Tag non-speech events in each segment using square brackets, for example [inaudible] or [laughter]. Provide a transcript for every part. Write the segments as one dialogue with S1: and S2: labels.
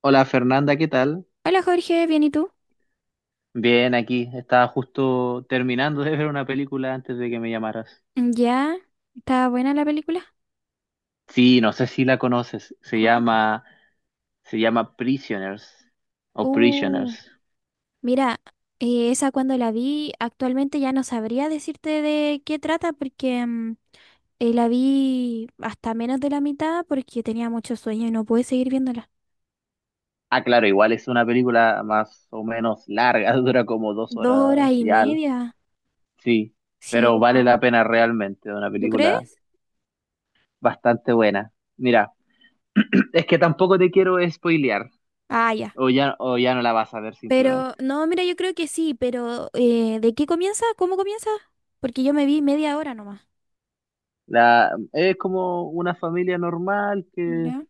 S1: Hola Fernanda, ¿qué tal?
S2: Hola Jorge, ¿bien y tú?
S1: Bien, aquí. Estaba justo terminando de ver una película antes de que me llamaras.
S2: ¿Ya? ¿Está buena la película?
S1: Sí, no sé si la conoces.
S2: ¿Cuál?
S1: Se llama Prisoners o
S2: Uh,
S1: Prisoners.
S2: mira, esa cuando la vi, actualmente ya no sabría decirte de qué trata porque la vi hasta menos de la mitad porque tenía mucho sueño y no pude seguir viéndola.
S1: Ah, claro, igual es una película más o menos larga, [laughs] dura como dos
S2: Dos horas
S1: horas
S2: y
S1: y al.
S2: media.
S1: Sí,
S2: Sí,
S1: pero vale la
S2: no.
S1: pena realmente, una
S2: ¿Tú
S1: película
S2: crees?
S1: bastante buena. Mira, [clears throat] es que tampoco te quiero spoilear,
S2: Ah, ya.
S1: o ya no la vas a ver simplemente.
S2: Pero, no, mira, yo creo que sí, pero ¿de qué comienza? ¿Cómo comienza? Porque yo me vi media hora nomás.
S1: La, es como una familia normal que
S2: ¿Ya?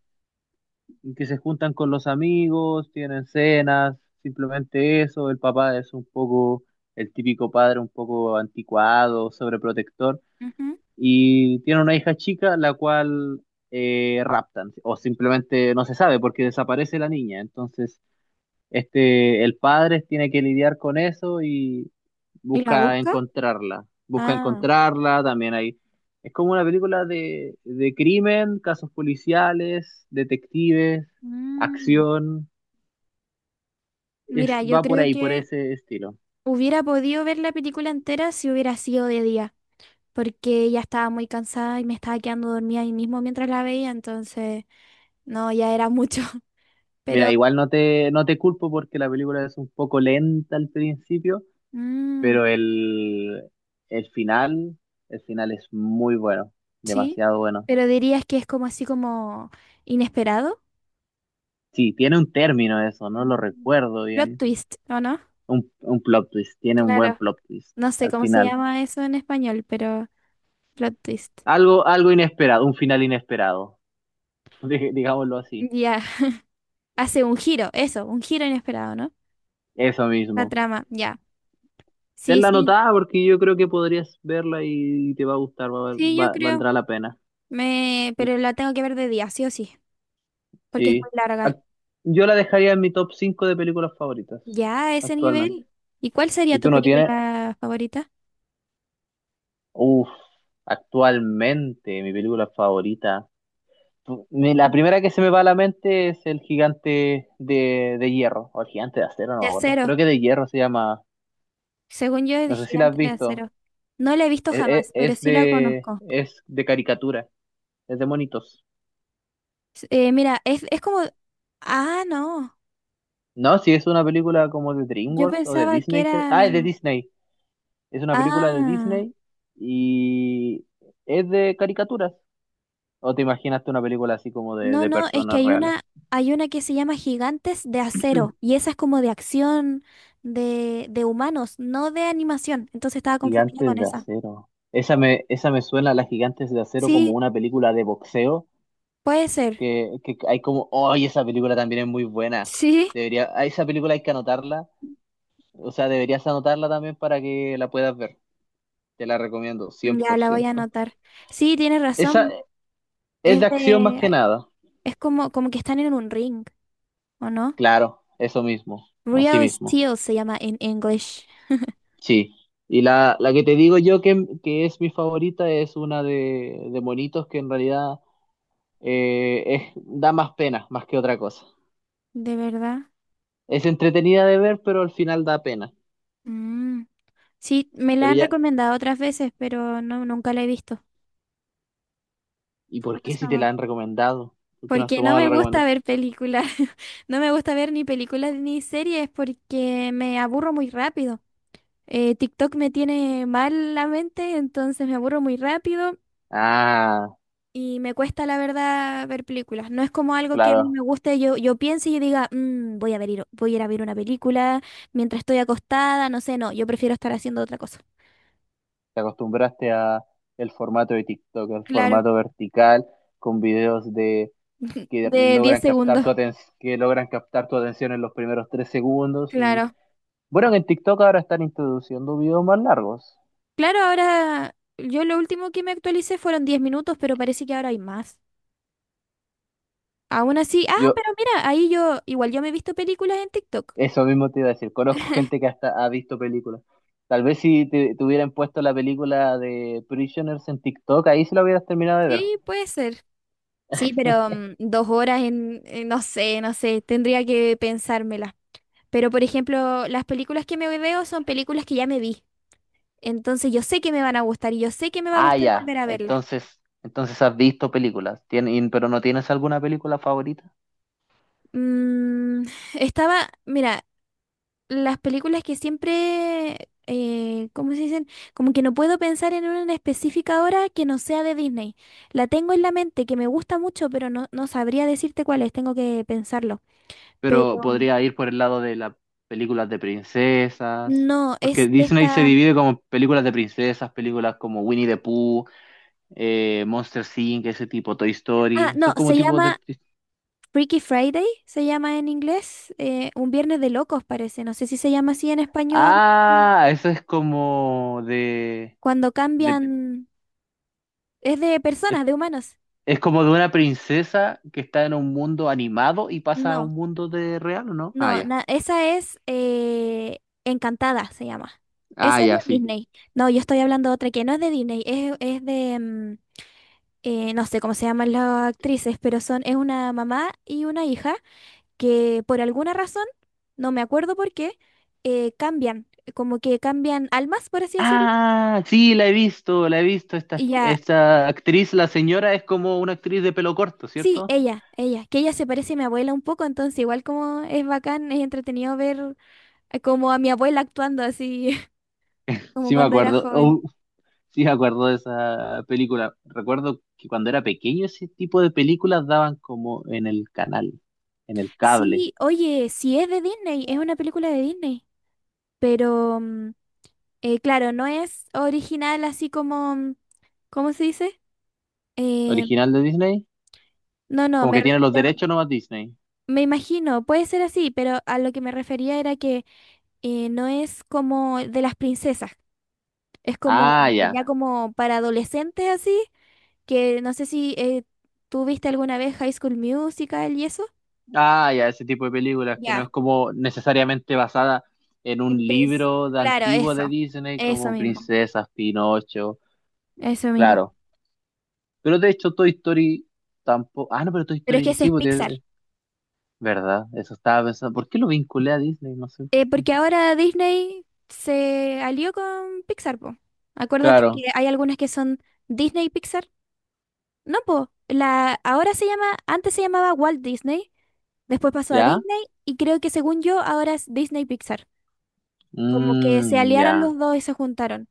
S1: y que se juntan con los amigos, tienen cenas, simplemente eso. El papá es un poco el típico padre, un poco anticuado, sobreprotector,
S2: Ujú.
S1: y tiene una hija chica la cual raptan, o simplemente no se sabe porque desaparece la niña. Entonces este, el padre tiene que lidiar con eso y
S2: ¿Y la
S1: busca
S2: busca?
S1: encontrarla. Busca
S2: Ah.
S1: encontrarla, también hay. Es como una película de crimen, casos policiales, detectives,
S2: Mm.
S1: acción. Es,
S2: Mira, yo
S1: va por
S2: creo
S1: ahí, por
S2: que
S1: ese estilo.
S2: hubiera podido ver la película entera si hubiera sido de día, porque ya estaba muy cansada y me estaba quedando dormida ahí mismo mientras la veía, entonces no, ya era mucho. [laughs] Pero,
S1: Mira, igual no te, no te culpo porque la película es un poco lenta al principio,
S2: mm,
S1: pero el final, el final es muy bueno,
S2: sí,
S1: demasiado bueno.
S2: pero dirías que es como así como inesperado.
S1: Sí, tiene un término eso, no
S2: Mm.
S1: lo recuerdo
S2: Plot
S1: bien.
S2: twist, ¿o no?
S1: Un plot twist, tiene un buen
S2: Claro.
S1: plot twist
S2: No sé
S1: al
S2: cómo se
S1: final.
S2: llama eso en español, pero plot twist.
S1: Algo, algo inesperado, un final inesperado, [laughs] digámoslo así.
S2: Ya, hace un giro, eso, un giro inesperado, ¿no?
S1: Eso
S2: La
S1: mismo.
S2: trama, ya. Sí,
S1: Tenla
S2: sí,
S1: anotada porque yo creo que podrías verla y te va a gustar,
S2: sí, yo creo.
S1: valdrá la pena. Y-
S2: Pero la tengo que ver de día, sí o sí, porque es muy
S1: Sí.
S2: larga.
S1: Ac- Yo la dejaría en mi top 5 de películas favoritas
S2: Ya a ese
S1: actualmente.
S2: nivel. ¿Y cuál sería
S1: ¿Y tú
S2: tu
S1: no tienes?
S2: película favorita?
S1: Uf, actualmente mi película favorita. La primera que se me va a la mente es el gigante de hierro, o el gigante de acero, no
S2: De
S1: me acuerdo.
S2: acero.
S1: Creo que de hierro se llama.
S2: Según yo, es de
S1: No sé si la
S2: Gigante
S1: has
S2: de
S1: visto.
S2: Acero. No la he visto jamás, pero sí la conozco.
S1: Es de caricatura, es de monitos.
S2: Mira, es como... Ah, no.
S1: No, si es una película como de
S2: Yo
S1: DreamWorks o de
S2: pensaba que
S1: Disney. Ah, es de
S2: era...
S1: Disney. Es una película de
S2: Ah,
S1: Disney y es de caricaturas. ¿O te imaginaste una película así como
S2: no,
S1: de
S2: no, es que
S1: personas
S2: hay
S1: reales?
S2: una, hay una que se llama Gigantes de Acero y esa es como de acción de humanos, no de animación. Entonces estaba confundida con
S1: Gigantes de
S2: esa.
S1: acero. Esa me suena a las Gigantes de Acero como
S2: Sí,
S1: una película de boxeo
S2: puede ser.
S1: que hay como, ¡ay, esa película también es muy buena!
S2: Sí,
S1: Debería, a esa película hay que anotarla, o sea, deberías anotarla también para que la puedas ver. Te la recomiendo, cien
S2: ya
S1: por
S2: la voy a
S1: ciento
S2: anotar. Sí, tienes
S1: Esa
S2: razón.
S1: es de
S2: Es
S1: acción más que
S2: de,
S1: nada.
S2: es como que están en un ring, ¿o no?
S1: Claro, eso mismo, así
S2: Real
S1: mismo.
S2: Steel se llama en English.
S1: Sí. Y la que te digo yo que es mi favorita es una de monitos que en realidad eh, es, da más pena, más que otra cosa.
S2: ¿De verdad?
S1: Es entretenida de ver, pero al final da pena.
S2: Mm. Sí, me la
S1: Pero
S2: han
S1: ya,
S2: recomendado otras veces, pero no, nunca la he visto.
S1: ¿y por
S2: Jamás,
S1: qué si te
S2: jamás.
S1: la han recomendado? ¿Por qué no has
S2: Porque no
S1: tomado
S2: me
S1: la
S2: gusta
S1: recomendación?
S2: ver películas. [laughs] No me gusta ver ni películas ni series porque me aburro muy rápido. TikTok me tiene mal la mente, entonces me aburro muy rápido.
S1: Ah,
S2: Y me cuesta, la verdad, ver películas. No es como algo que a mí
S1: claro,
S2: me guste. Yo piense y yo diga, "Mm, voy a ir a ver una película mientras estoy acostada. No sé, no. Yo prefiero estar haciendo otra cosa.
S1: te acostumbraste a el formato de TikTok, el
S2: Claro,
S1: formato vertical con videos de
S2: [laughs]
S1: que
S2: De diez
S1: logran captar
S2: segundos.
S1: tu atención, que logran captar tu atención en los primeros 3 segundos y
S2: Claro.
S1: bueno, en TikTok ahora están introduciendo videos más largos.
S2: Claro, ahora yo lo último que me actualicé fueron 10 minutos, pero parece que ahora hay más. Aún así, ah,
S1: Yo
S2: pero mira, ahí yo, igual yo me he visto películas en TikTok.
S1: eso mismo te iba a decir, conozco gente que hasta ha visto películas. Tal vez si te, te hubieran puesto la película de Prisoners en TikTok, ahí se la hubieras terminado de ver.
S2: Sí, puede ser. Sí, pero 2 horas no sé, no sé, tendría que pensármela. Pero, por ejemplo, las películas que me veo son películas que ya me vi. Entonces yo sé que me van a gustar y yo sé que me va a
S1: Ah,
S2: gustar
S1: ya.
S2: volver a verlas.
S1: Entonces, entonces has visto películas, pero no tienes alguna película favorita.
S2: Mm, estaba, mira, las películas que siempre, ¿cómo se dicen? Como que no puedo pensar en una en específica ahora que no sea de Disney. La tengo en la mente, que me gusta mucho, pero no, no sabría decirte cuál es, tengo que pensarlo.
S1: Pero
S2: Pero
S1: podría ir por el lado de las películas de princesas,
S2: no,
S1: porque
S2: es
S1: Disney se
S2: esta...
S1: divide como películas de princesas, películas como Winnie the Pooh, Monsters Inc., ese tipo, Toy
S2: Ah,
S1: Story,
S2: no,
S1: son como
S2: se
S1: tipos de...
S2: llama Freaky Friday, se llama en inglés, un viernes de locos parece, no sé si se llama así en español,
S1: Ah, eso es como
S2: cuando
S1: de
S2: cambian, es de
S1: es,
S2: personas, de humanos.
S1: es como de una princesa que está en un mundo animado y pasa a
S2: No,
S1: un mundo de real, ¿o no? Ah,
S2: no,
S1: ya.
S2: esa es, Encantada, se llama.
S1: Ah,
S2: Esa es de
S1: ya, sí.
S2: Disney. No, yo estoy hablando de otra que no es de Disney, es de, no sé cómo se llaman las actrices, pero son, es una mamá y una hija que por alguna razón, no me acuerdo por qué, cambian, como que cambian almas, por así decirlo.
S1: Ah, sí, la he visto, la he visto.
S2: Y
S1: Esta,
S2: ya,
S1: esta actriz, la señora, es como una actriz de pelo corto,
S2: sí,
S1: ¿cierto?
S2: ella, que ella se parece a mi abuela un poco, entonces igual como es bacán, es entretenido ver como a mi abuela actuando así, [laughs] como
S1: Sí me
S2: cuando, sí, era
S1: acuerdo,
S2: joven.
S1: oh, sí me acuerdo de esa película. Recuerdo que cuando era pequeño ese tipo de películas daban como en el canal, en el cable
S2: Sí, oye, sí es de Disney, es una película de Disney, pero claro, no es original así como, ¿cómo se dice? Eh,
S1: original de Disney,
S2: no, no,
S1: como
S2: me
S1: que tiene los
S2: refiero,
S1: derechos nomás Disney.
S2: me imagino, puede ser así, pero a lo que me refería era que no es como de las princesas, es como
S1: Ah, ya.
S2: ya como para adolescentes así. Que no sé si tú viste alguna vez High School Musical y eso.
S1: Ah, ya, ese tipo de películas que no
S2: Ya,
S1: es como necesariamente basada en un
S2: en Prince.
S1: libro de
S2: Claro,
S1: antiguo
S2: eso.
S1: de Disney
S2: Eso
S1: como
S2: mismo.
S1: Princesas, Pinocho.
S2: Eso mismo.
S1: Claro. Pero de hecho, Toy Story tampoco. Ah, no, pero Toy
S2: Pero es que
S1: Story
S2: ese
S1: sí,
S2: es
S1: porque.
S2: Pixar.
S1: Es verdad, eso estaba pensando. ¿Por qué lo vinculé a Disney? No sé por qué.
S2: Porque ahora Disney se alió con Pixar, po. Acuérdate
S1: Claro,
S2: que hay algunas que son Disney y Pixar. No, po. Ahora se llama, antes se llamaba Walt Disney, después pasó a
S1: ¿ya?
S2: Disney y creo que según yo ahora es Disney Pixar. Como que se
S1: Mm,
S2: aliaron
S1: ya.
S2: los dos y se juntaron.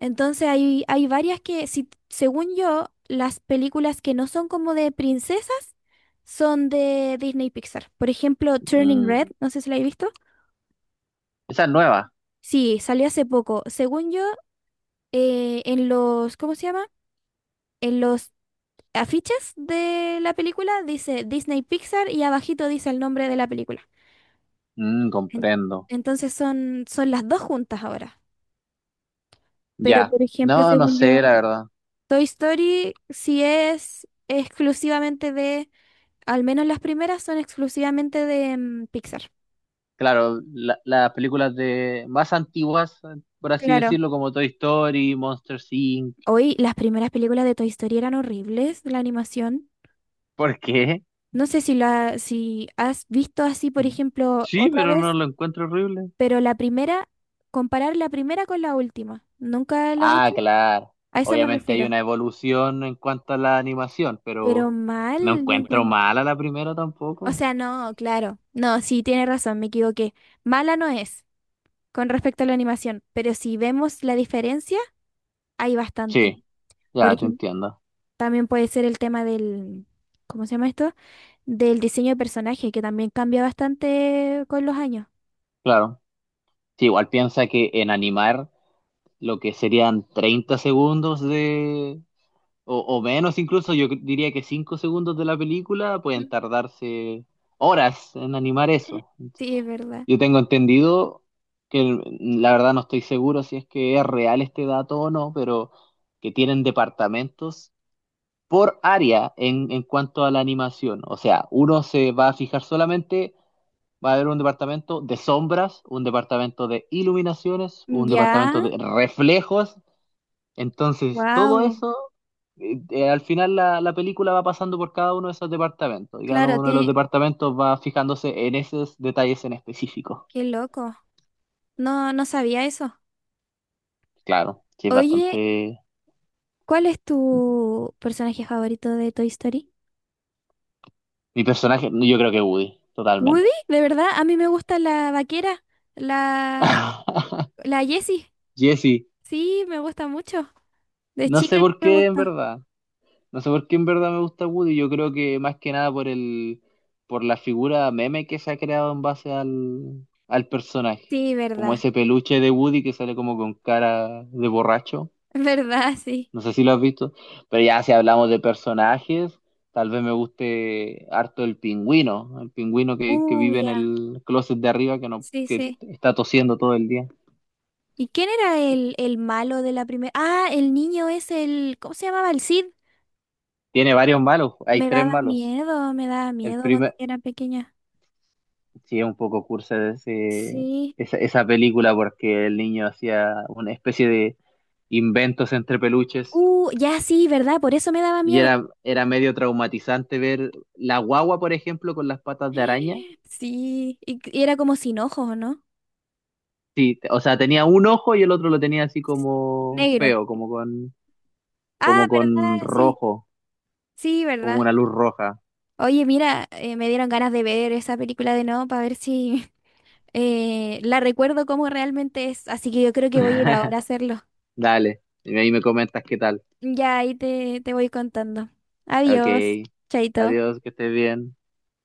S2: Entonces hay varias que, si, según yo, las películas que no son como de princesas son de Disney y Pixar. Por ejemplo, Turning
S1: Mm.
S2: Red, no sé si la he visto.
S1: Esa es nueva.
S2: Sí, salió hace poco. Según yo, en los, ¿cómo se llama? En los afiches de la película dice Disney Pixar y abajito dice el nombre de la película.
S1: Mm,
S2: En-
S1: comprendo.
S2: entonces son las dos juntas ahora.
S1: Ya.
S2: Pero, por ejemplo,
S1: No, no
S2: según yo,
S1: sé, la verdad.
S2: Toy Story sí es exclusivamente de... Al menos las primeras son exclusivamente de Pixar.
S1: Claro, las películas de más antiguas, por así
S2: Claro.
S1: decirlo, como Toy Story, Monsters Inc.
S2: Hoy las primeras películas de Toy Story eran horribles, la animación.
S1: ¿Por qué?
S2: No sé si si has visto así, por ejemplo,
S1: Sí,
S2: otra
S1: pero no
S2: vez,
S1: lo encuentro horrible.
S2: pero la primera, comparar la primera con la última. ¿Nunca lo has
S1: Ah,
S2: hecho?
S1: claro.
S2: A eso me
S1: Obviamente hay
S2: refiero.
S1: una evolución en cuanto a la animación,
S2: Pero
S1: pero no
S2: mal, yo
S1: encuentro
S2: encuentro.
S1: mala la primera
S2: O
S1: tampoco.
S2: sea, no, claro. No, sí, tiene razón, me equivoqué. Mala no es con respecto a la animación, pero si vemos la diferencia, hay bastante.
S1: Sí,
S2: Por
S1: ya te
S2: ejemplo,
S1: entiendo.
S2: también puede ser el tema del, ¿cómo se llama esto? Del diseño de personaje, que también cambia bastante con los años.
S1: Claro. Sí, igual piensa que en animar lo que serían 30 segundos de, o menos incluso, yo diría que 5 segundos de la película
S2: Ujú.
S1: pueden tardarse horas en animar
S2: [laughs]
S1: eso.
S2: Sí, es verdad.
S1: Yo tengo entendido que, la verdad no estoy seguro si es que es real este dato o no, pero que tienen departamentos por área en cuanto a la animación. O sea, uno se va a fijar solamente, va a haber un departamento de sombras, un departamento de iluminaciones,
S2: Sí.
S1: un
S2: Ya,
S1: departamento de reflejos. Entonces, todo
S2: wow.
S1: eso, al final la, la película va pasando por cada uno de esos departamentos. Y cada
S2: Claro,
S1: uno de los departamentos va fijándose en esos detalles en específico.
S2: qué loco. No, no sabía eso.
S1: Claro, que es
S2: Oye,
S1: bastante...
S2: ¿cuál es tu personaje favorito de Toy Story?
S1: Mi personaje, yo creo que Woody,
S2: Woody,
S1: totalmente.
S2: de verdad, a mí me gusta la vaquera, la,
S1: [laughs]
S2: la Jessie.
S1: Jesse,
S2: Sí, me gusta mucho. De
S1: no sé
S2: chica que
S1: por
S2: me
S1: qué en
S2: gusta.
S1: verdad. No sé por qué en verdad me gusta Woody, yo creo que más que nada por el, por la figura meme que se ha creado en base al, al personaje.
S2: Sí,
S1: Como
S2: verdad,
S1: ese peluche de Woody que sale como con cara de borracho.
S2: [laughs] verdad, sí.
S1: No sé si lo has visto. Pero ya si hablamos de personajes, tal vez me guste harto el pingüino. El pingüino que vive en
S2: Ya.
S1: el closet de arriba que no,
S2: Sí,
S1: que
S2: sí.
S1: está tosiendo todo el día.
S2: ¿Y quién era el malo de la primera? Ah, el niño es el... ¿Cómo se llamaba? El Cid.
S1: Tiene varios malos, hay tres malos.
S2: Me daba
S1: El
S2: miedo cuando
S1: primer
S2: era pequeña.
S1: Sí, es un poco cursa de
S2: Sí.
S1: esa, esa película porque el niño hacía una especie de inventos entre peluches
S2: Ya sí, ¿verdad? Por eso me daba
S1: y
S2: miedo.
S1: era, era medio traumatizante ver la guagua, por ejemplo, con las patas de araña.
S2: [gasps] Sí, y era como sin ojos, ¿o no?
S1: Sí, o sea, tenía un ojo y el otro lo tenía así como
S2: Negro.
S1: feo,
S2: Ah,
S1: como con
S2: ¿verdad? Sí,
S1: rojo,
S2: sí,
S1: como
S2: ¿verdad?
S1: una luz roja.
S2: Oye, mira, me dieron ganas de ver esa película de nuevo para ver si [laughs] la recuerdo como realmente es. Así que yo creo que voy a ir ahora a
S1: [laughs]
S2: hacerlo.
S1: Dale, y ahí me comentas qué tal.
S2: Ya ahí te voy contando.
S1: Ok,
S2: Adiós, chaito.
S1: adiós, que estés bien.